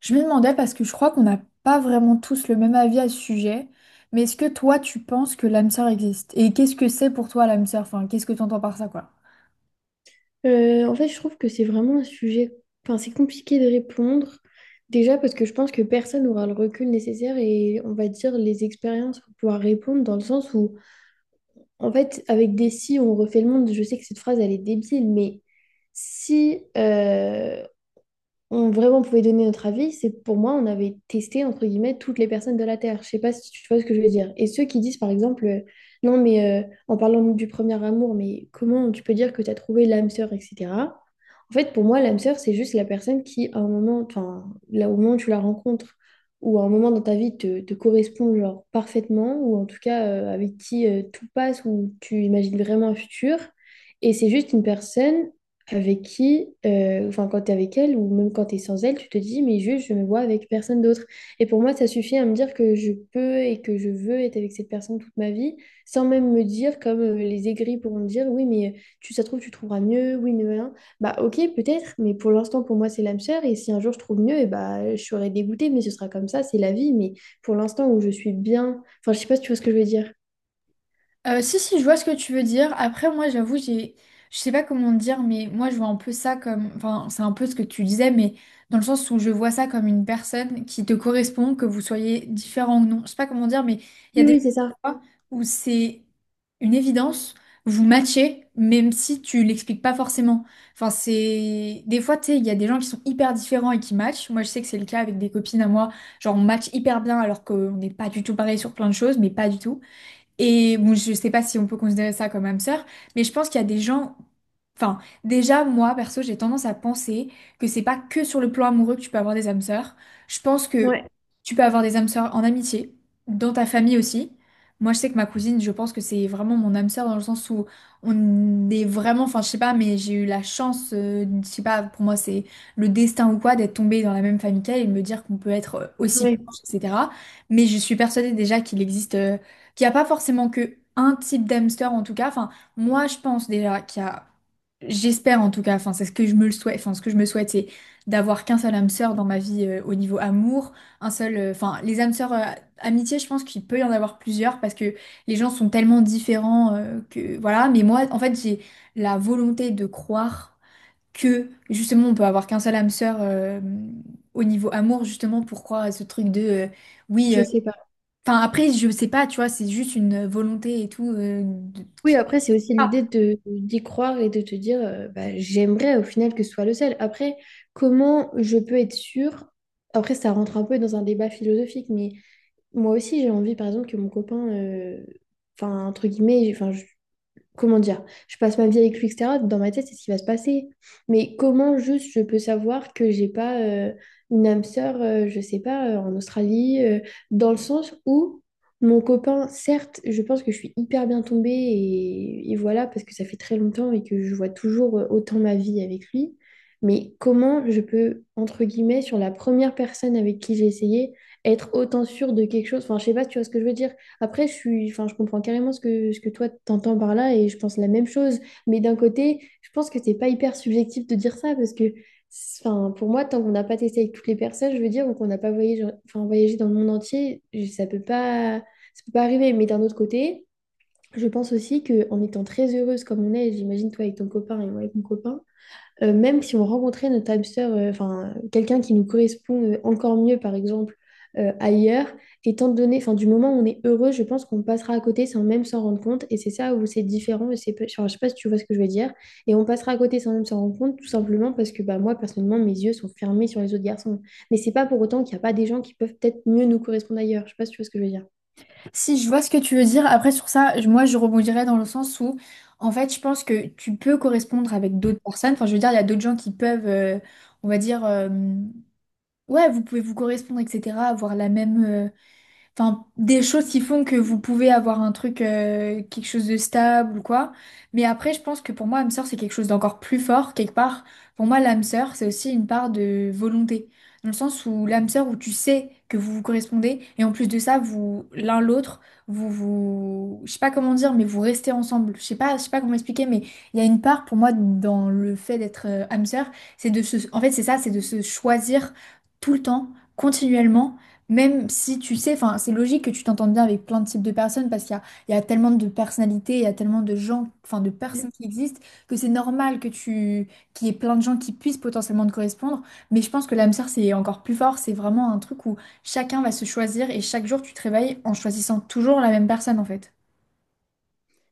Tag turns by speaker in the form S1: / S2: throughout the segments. S1: Je me demandais parce que je crois qu'on n'a pas vraiment tous le même avis à ce sujet, mais est-ce que toi tu penses que l'âme sœur existe? Et qu'est-ce que c'est pour toi l'âme sœur? Enfin, qu'est-ce que tu entends par ça, quoi?
S2: Je trouve que c'est vraiment un sujet, enfin, c'est compliqué de répondre. Déjà parce que je pense que personne n'aura le recul nécessaire et on va dire les expériences pour pouvoir répondre dans le sens où, en fait, avec des si, on refait le monde. Je sais que cette phrase, elle est débile, mais si, on vraiment pouvait donner notre avis, c'est pour moi, on avait testé, entre guillemets, toutes les personnes de la Terre. Je sais pas si tu vois ce que je veux dire. Et ceux qui disent, par exemple, non, mais en parlant du premier amour, mais comment tu peux dire que tu as trouvé l'âme sœur, etc. En fait, pour moi, l'âme sœur, c'est juste la personne qui, à un moment, enfin, là, au moment où tu la rencontres, ou à un moment dans ta vie, te correspond, genre, parfaitement, ou en tout cas, avec qui tout passe, ou tu imagines vraiment un futur. Et c'est juste une personne avec qui, enfin quand tu es avec elle ou même quand tu es sans elle, tu te dis, mais juste, je me vois avec personne d'autre. Et pour moi, ça suffit à me dire que je peux et que je veux être avec cette personne toute ma vie, sans même me dire, comme les aigris pourront me dire, oui, mais tu, ça se trouve, tu trouveras mieux, oui, mais rien. Bah ok, peut-être, mais pour l'instant, pour moi, c'est l'âme sœur, et si un jour je trouve mieux, et bah je serai dégoûtée, mais ce sera comme ça, c'est la vie, mais pour l'instant où je suis bien, enfin, je sais pas si tu vois ce que je veux dire.
S1: Si, si, je vois ce que tu veux dire. Après, moi, j'avoue, je sais pas comment dire, mais moi, je vois un peu ça comme, enfin, c'est un peu ce que tu disais, mais dans le sens où je vois ça comme une personne qui te correspond, que vous soyez différent ou non. Je sais pas comment dire, mais il y a
S2: Oui, oui,
S1: des
S2: c'est ça.
S1: fois où c'est une évidence, vous matchez, même si tu l'expliques pas forcément. Enfin, c'est, des fois, tu sais, il y a des gens qui sont hyper différents et qui matchent. Moi, je sais que c'est le cas avec des copines à moi, genre, on match hyper bien alors qu'on n'est pas du tout pareil sur plein de choses, mais pas du tout. Et bon, je sais pas si on peut considérer ça comme âme sœur, mais je pense qu'il y a des gens. Enfin, déjà, moi, perso, j'ai tendance à penser que c'est pas que sur le plan amoureux que tu peux avoir des âmes sœurs. Je pense que
S2: Ouais,
S1: tu peux avoir des âmes sœurs en amitié, dans ta famille aussi. Moi, je sais que ma cousine, je pense que c'est vraiment mon âme sœur dans le sens où on est vraiment. Enfin, je sais pas, mais j'ai eu la chance, je sais pas, pour moi, c'est le destin ou quoi, d'être tombée dans la même famille qu'elle et de me dire qu'on peut être aussi
S2: ouais,
S1: proche, etc. Mais je suis persuadée déjà qu'il existe. Qu'il n'y a pas forcément que un type d'hamster en tout cas. Enfin, moi je pense déjà qu'il y j'espère en tout cas, enfin c'est ce que je me le souhaite, enfin ce que je me souhaite c'est d'avoir qu'un seul hamster dans ma vie au niveau amour, un seul, enfin les hamsters amitié je pense qu'il peut y en avoir plusieurs parce que les gens sont tellement différents que voilà. Mais moi en fait j'ai la volonté de croire que justement on peut avoir qu'un seul hamster au niveau amour justement pour croire à ce truc de oui.
S2: je sais pas.
S1: Enfin, après, je sais pas, tu vois, c'est juste une volonté et tout.
S2: Oui, après, c'est aussi
S1: Ah,
S2: l'idée de d'y croire et de te dire, bah, j'aimerais au final que ce soit le seul. Après, comment je peux être sûre? Après, ça rentre un peu dans un débat philosophique, mais moi aussi, j'ai envie, par exemple, que mon copain, enfin, entre guillemets, comment dire, je passe ma vie avec lui, etc. Dans ma tête, c'est ce qui va se passer. Mais comment juste je peux savoir que j'ai pas une âme sœur, je sais pas, en Australie, dans le sens où mon copain, certes, je pense que je suis hyper bien tombée et voilà, parce que ça fait très longtemps et que je vois toujours autant ma vie avec lui. Mais comment je peux, entre guillemets, sur la première personne avec qui j'ai essayé, être autant sûre de quelque chose? Enfin, je sais pas, tu vois ce que je veux dire. Après, je suis, enfin, je comprends carrément ce que toi t'entends par là et je pense la même chose. Mais d'un côté, je pense que c'est pas hyper subjectif de dire ça parce que, enfin, pour moi, tant qu'on n'a pas testé avec toutes les personnes, je veux dire, ou qu'on n'a pas voyagé, enfin, voyagé dans le monde entier, ça peut pas arriver. Mais d'un autre côté, je pense aussi que en étant très heureuse comme on est, j'imagine toi avec ton copain et moi avec mon copain, même si on rencontrait notre âme sœur, enfin quelqu'un qui nous correspond encore mieux, par exemple, ailleurs, étant donné, enfin du moment où on est heureux, je pense qu'on passera à côté sans même s'en rendre compte. Et c'est ça où c'est différent. Enfin, je sais pas si tu vois ce que je veux dire. Et on passera à côté sans même s'en rendre compte, tout simplement parce que bah, moi, personnellement, mes yeux sont fermés sur les autres garçons. Mais c'est pas pour autant qu'il n'y a pas des gens qui peuvent peut-être mieux nous correspondre ailleurs. Je sais pas si tu vois ce que je veux dire.
S1: si, je vois ce que tu veux dire. Après, sur ça, je- moi, je rebondirais dans le sens où, en fait, je pense que tu peux correspondre avec d'autres personnes. Enfin, je veux dire, il y a d'autres gens qui peuvent, on va dire, ouais, vous pouvez vous correspondre, etc., avoir la même, enfin, des choses qui font que vous pouvez avoir un truc, quelque chose de stable ou quoi. Mais après, je pense que pour moi, âme sœur, c'est quelque chose d'encore plus fort, quelque part. Pour moi, l'âme sœur, c'est aussi une part de volonté. Dans le sens où l'âme sœur, où tu sais que vous vous correspondez, et en plus de ça, vous, l'un l'autre, vous, je sais pas comment dire, mais vous restez ensemble. Je sais pas comment expliquer, mais il y a une part pour moi dans le fait d'être âme sœur, c'est de se, en fait, c'est ça, c'est de se choisir tout le temps, continuellement même si tu sais, enfin, c'est logique que tu t'entendes bien avec plein de types de personnes parce qu'il y il y a tellement de personnalités, il y a tellement de gens, enfin, de personnes qui existent que c'est normal que qu'il y ait plein de gens qui puissent potentiellement te correspondre. Mais je pense que l'âme sœur, c'est encore plus fort. C'est vraiment un truc où chacun va se choisir et chaque jour, tu te réveilles en choisissant toujours la même personne, en fait.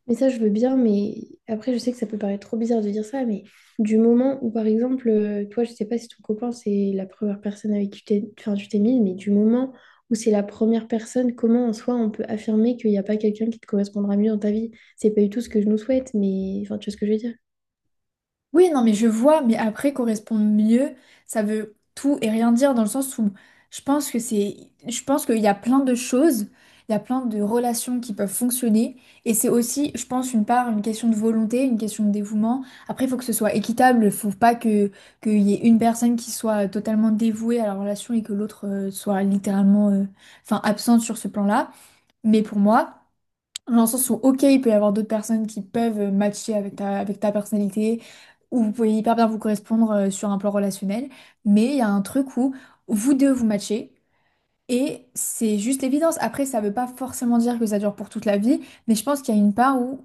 S2: Mais ça, je veux bien, mais après, je sais que ça peut paraître trop bizarre de dire ça, mais du moment où, par exemple, toi, je sais pas si ton copain, c'est la première personne avec qui tu t'es mise, mais du moment où c'est la première personne, comment en soi on peut affirmer qu'il n'y a pas quelqu'un qui te correspondra mieux dans ta vie? C'est pas du tout ce que je nous souhaite, mais enfin, tu vois ce que je veux dire.
S1: Oui, non, mais je vois, mais après, correspondre mieux, ça veut tout et rien dire dans le sens où je pense que je pense qu'il y a plein de choses, il y a plein de relations qui peuvent fonctionner et c'est aussi, je pense, une part, une question de volonté, une question de dévouement. Après, il faut que ce soit équitable, il faut pas que qu'il y ait une personne qui soit totalement dévouée à la relation et que l'autre soit littéralement, enfin, absente sur ce plan-là. Mais pour moi. Dans le sens où, ok, il peut y avoir d'autres personnes qui peuvent matcher avec avec ta personnalité, ou vous pouvez hyper bien vous correspondre sur un plan relationnel, mais il y a un truc où vous deux vous matchez, et c'est juste l'évidence. Après, ça veut pas forcément dire que ça dure pour toute la vie, mais je pense qu'il y a une part où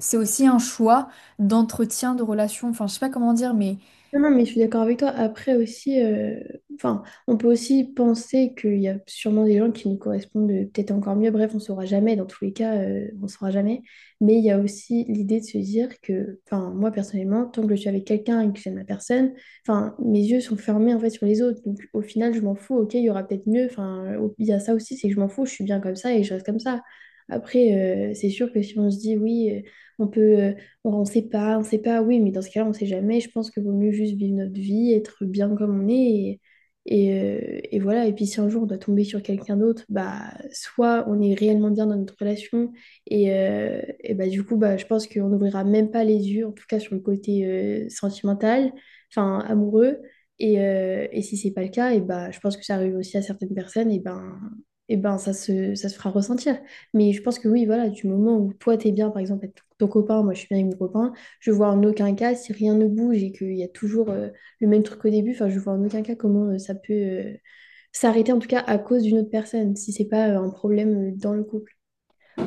S1: c'est aussi un choix d'entretien de relation, enfin, je sais pas comment dire, mais
S2: Non, non, mais je suis d'accord avec toi. Après aussi, enfin, on peut aussi penser qu'il y a sûrement des gens qui nous correspondent peut-être encore mieux. Bref, on saura jamais. Dans tous les cas, on saura jamais. Mais il y a aussi l'idée de se dire que, enfin, moi personnellement, tant que je suis avec quelqu'un et que j'aime la personne, enfin, mes yeux sont fermés en fait sur les autres. Donc au final, je m'en fous. Ok, il y aura peut-être mieux. Il y a ça aussi, c'est que je m'en fous. Je suis bien comme ça et je reste comme ça. Après, c'est sûr que si on se dit oui, on peut. Bon, on sait pas, oui, mais dans ce cas-là, on sait jamais. Je pense qu'il vaut mieux juste vivre notre vie, être bien comme on est. Et voilà. Et puis si un jour on doit tomber sur quelqu'un d'autre, bah soit on est réellement bien dans notre relation. Et bah du coup, bah, je pense qu'on n'ouvrira même pas les yeux, en tout cas sur le côté sentimental, enfin amoureux. Et si c'est pas le cas, et bah je pense que ça arrive aussi à certaines personnes, et ben ça se fera ressentir. Mais je pense que oui, voilà, du moment où toi t'es bien, par exemple, avec ton copain, moi je suis bien avec mon copain, je vois en aucun cas si rien ne bouge et qu'il y a toujours le même truc qu'au début, enfin je vois en aucun cas comment ça peut s'arrêter en tout cas à cause d'une autre personne, si c'est pas un problème dans le couple.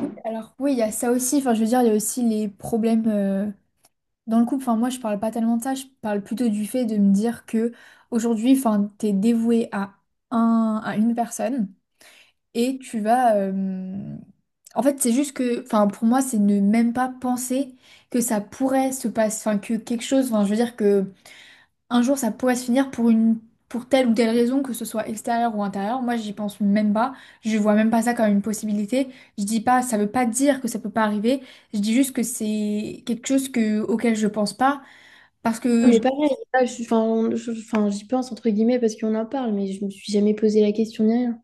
S1: oui, alors oui, il y a ça aussi, enfin, je veux dire, il y a aussi les problèmes. Dans le couple, enfin moi je parle pas tellement de ça, je parle plutôt du fait de me dire que aujourd'hui, enfin t'es dévoué à un, à une personne et tu vas, en fait c'est juste que, enfin pour moi c'est ne même pas penser que ça pourrait se passer, enfin que quelque chose, enfin je veux dire que un jour ça pourrait se finir pour une, pour telle ou telle raison, que ce soit extérieure ou intérieure. Moi j'y pense même pas, je vois même pas ça comme une possibilité. Je dis pas, ça veut pas dire que ça peut pas arriver. Je dis juste que c'est quelque chose que auquel je pense pas parce
S2: Ah,
S1: que je-
S2: mais pareil, là, je suis- enfin, on- je- enfin, j'y pense entre guillemets parce qu'on en parle, mais je me suis jamais posé la question ni rien.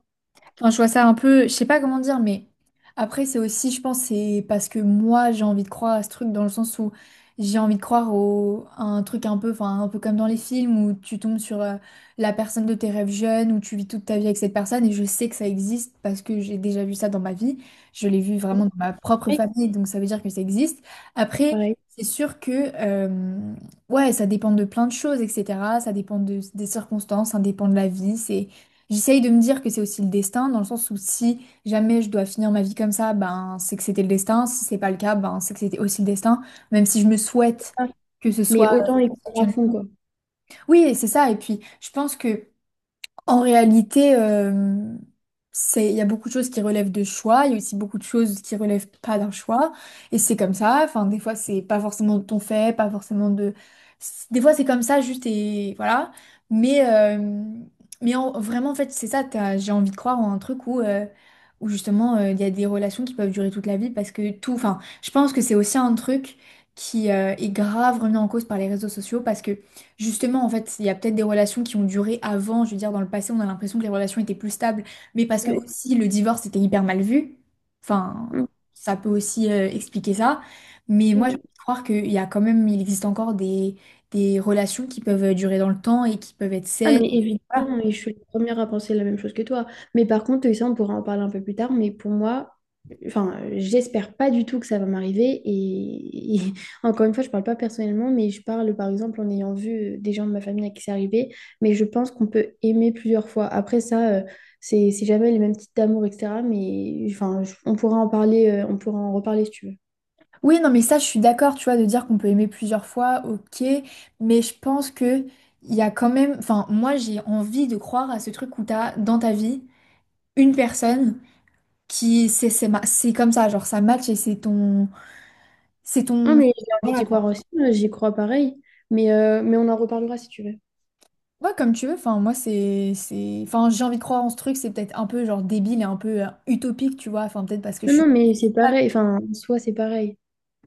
S1: enfin, je vois ça un peu, je sais pas comment dire, mais après, c'est aussi, je pense, c'est parce que moi, j'ai envie de croire à ce truc dans le sens où j'ai envie de croire à un truc un peu, enfin, un peu comme dans les films où tu tombes sur la personne de tes rêves jeunes, où tu vis toute ta vie avec cette personne, et je sais que ça existe parce que j'ai déjà vu ça dans ma vie. Je l'ai vu vraiment dans ma propre
S2: Oui,
S1: famille, donc ça veut dire que ça existe. Après,
S2: pareil.
S1: c'est sûr que, ouais, ça dépend de plein de choses, etc. Ça dépend de- des circonstances, ça dépend de la vie, c'est. J'essaye de me dire que c'est aussi le destin, dans le sens où si jamais je dois finir ma vie comme ça, ben c'est que c'était le destin. Si c'est pas le cas, ben c'est que c'était aussi le destin. Même si je me souhaite
S2: Ah,
S1: que ce
S2: mais
S1: soit.
S2: autant les prendre à fond, quoi.
S1: Oui, et c'est ça. Et puis je pense que en réalité, c'est, il y a beaucoup de choses qui relèvent de choix, il y a aussi beaucoup de choses qui relèvent pas d'un choix, et c'est comme ça. Enfin, des fois, c'est pas forcément de ton fait, pas forcément de. Des fois, c'est comme ça, juste et voilà. Mais, euh, mais vraiment, en fait, c'est ça. T'as- J'ai envie de croire en un truc où, où justement, il y a des relations qui peuvent durer toute la vie parce que tout. Enfin, je pense que c'est aussi un truc qui est grave remis en cause par les réseaux sociaux parce que justement, en fait, il y a peut-être des relations qui ont duré avant. Je veux dire, dans le passé, on a l'impression que les relations étaient plus stables, mais parce que
S2: Ouais.
S1: aussi le divorce était hyper mal vu. Enfin, ça peut aussi expliquer ça. Mais moi, j'ai
S2: Mm.
S1: envie de croire qu'il y a quand même, il existe encore des relations qui peuvent durer dans le temps et qui peuvent être
S2: Ah,
S1: saines.
S2: mais
S1: Voilà.
S2: évidemment, et je suis la première à penser la même chose que toi. Mais par contre, et ça, on pourra en parler un peu plus tard, mais pour moi, enfin, j'espère pas du tout que ça va m'arriver. Encore une fois, je parle pas personnellement, mais je parle par exemple en ayant vu des gens de ma famille à qui c'est arrivé. Mais je pense qu'on peut aimer plusieurs fois. Après ça, c'est jamais les mêmes types d'amour, etc. Mais enfin, on pourra en parler, on pourra en reparler si tu veux.
S1: Oui, non, mais ça, je suis d'accord, tu vois, de dire qu'on peut aimer plusieurs fois, ok, mais je pense que il y a quand même, enfin, moi, j'ai envie de croire à ce truc où t'as dans ta vie une personne. Qui c'est ma- c'est comme ça genre ça match et c'est
S2: Non,
S1: ton
S2: mais j'ai envie
S1: voilà
S2: d'y croire aussi, j'y crois pareil. Mais on en reparlera si tu veux.
S1: ouais comme tu veux enfin moi c'est enfin j'ai envie de croire en ce truc c'est peut-être un peu genre débile et un peu utopique tu vois enfin peut-être parce que je
S2: Non, non,
S1: suis
S2: mais c'est pareil. Enfin, en soi, c'est pareil.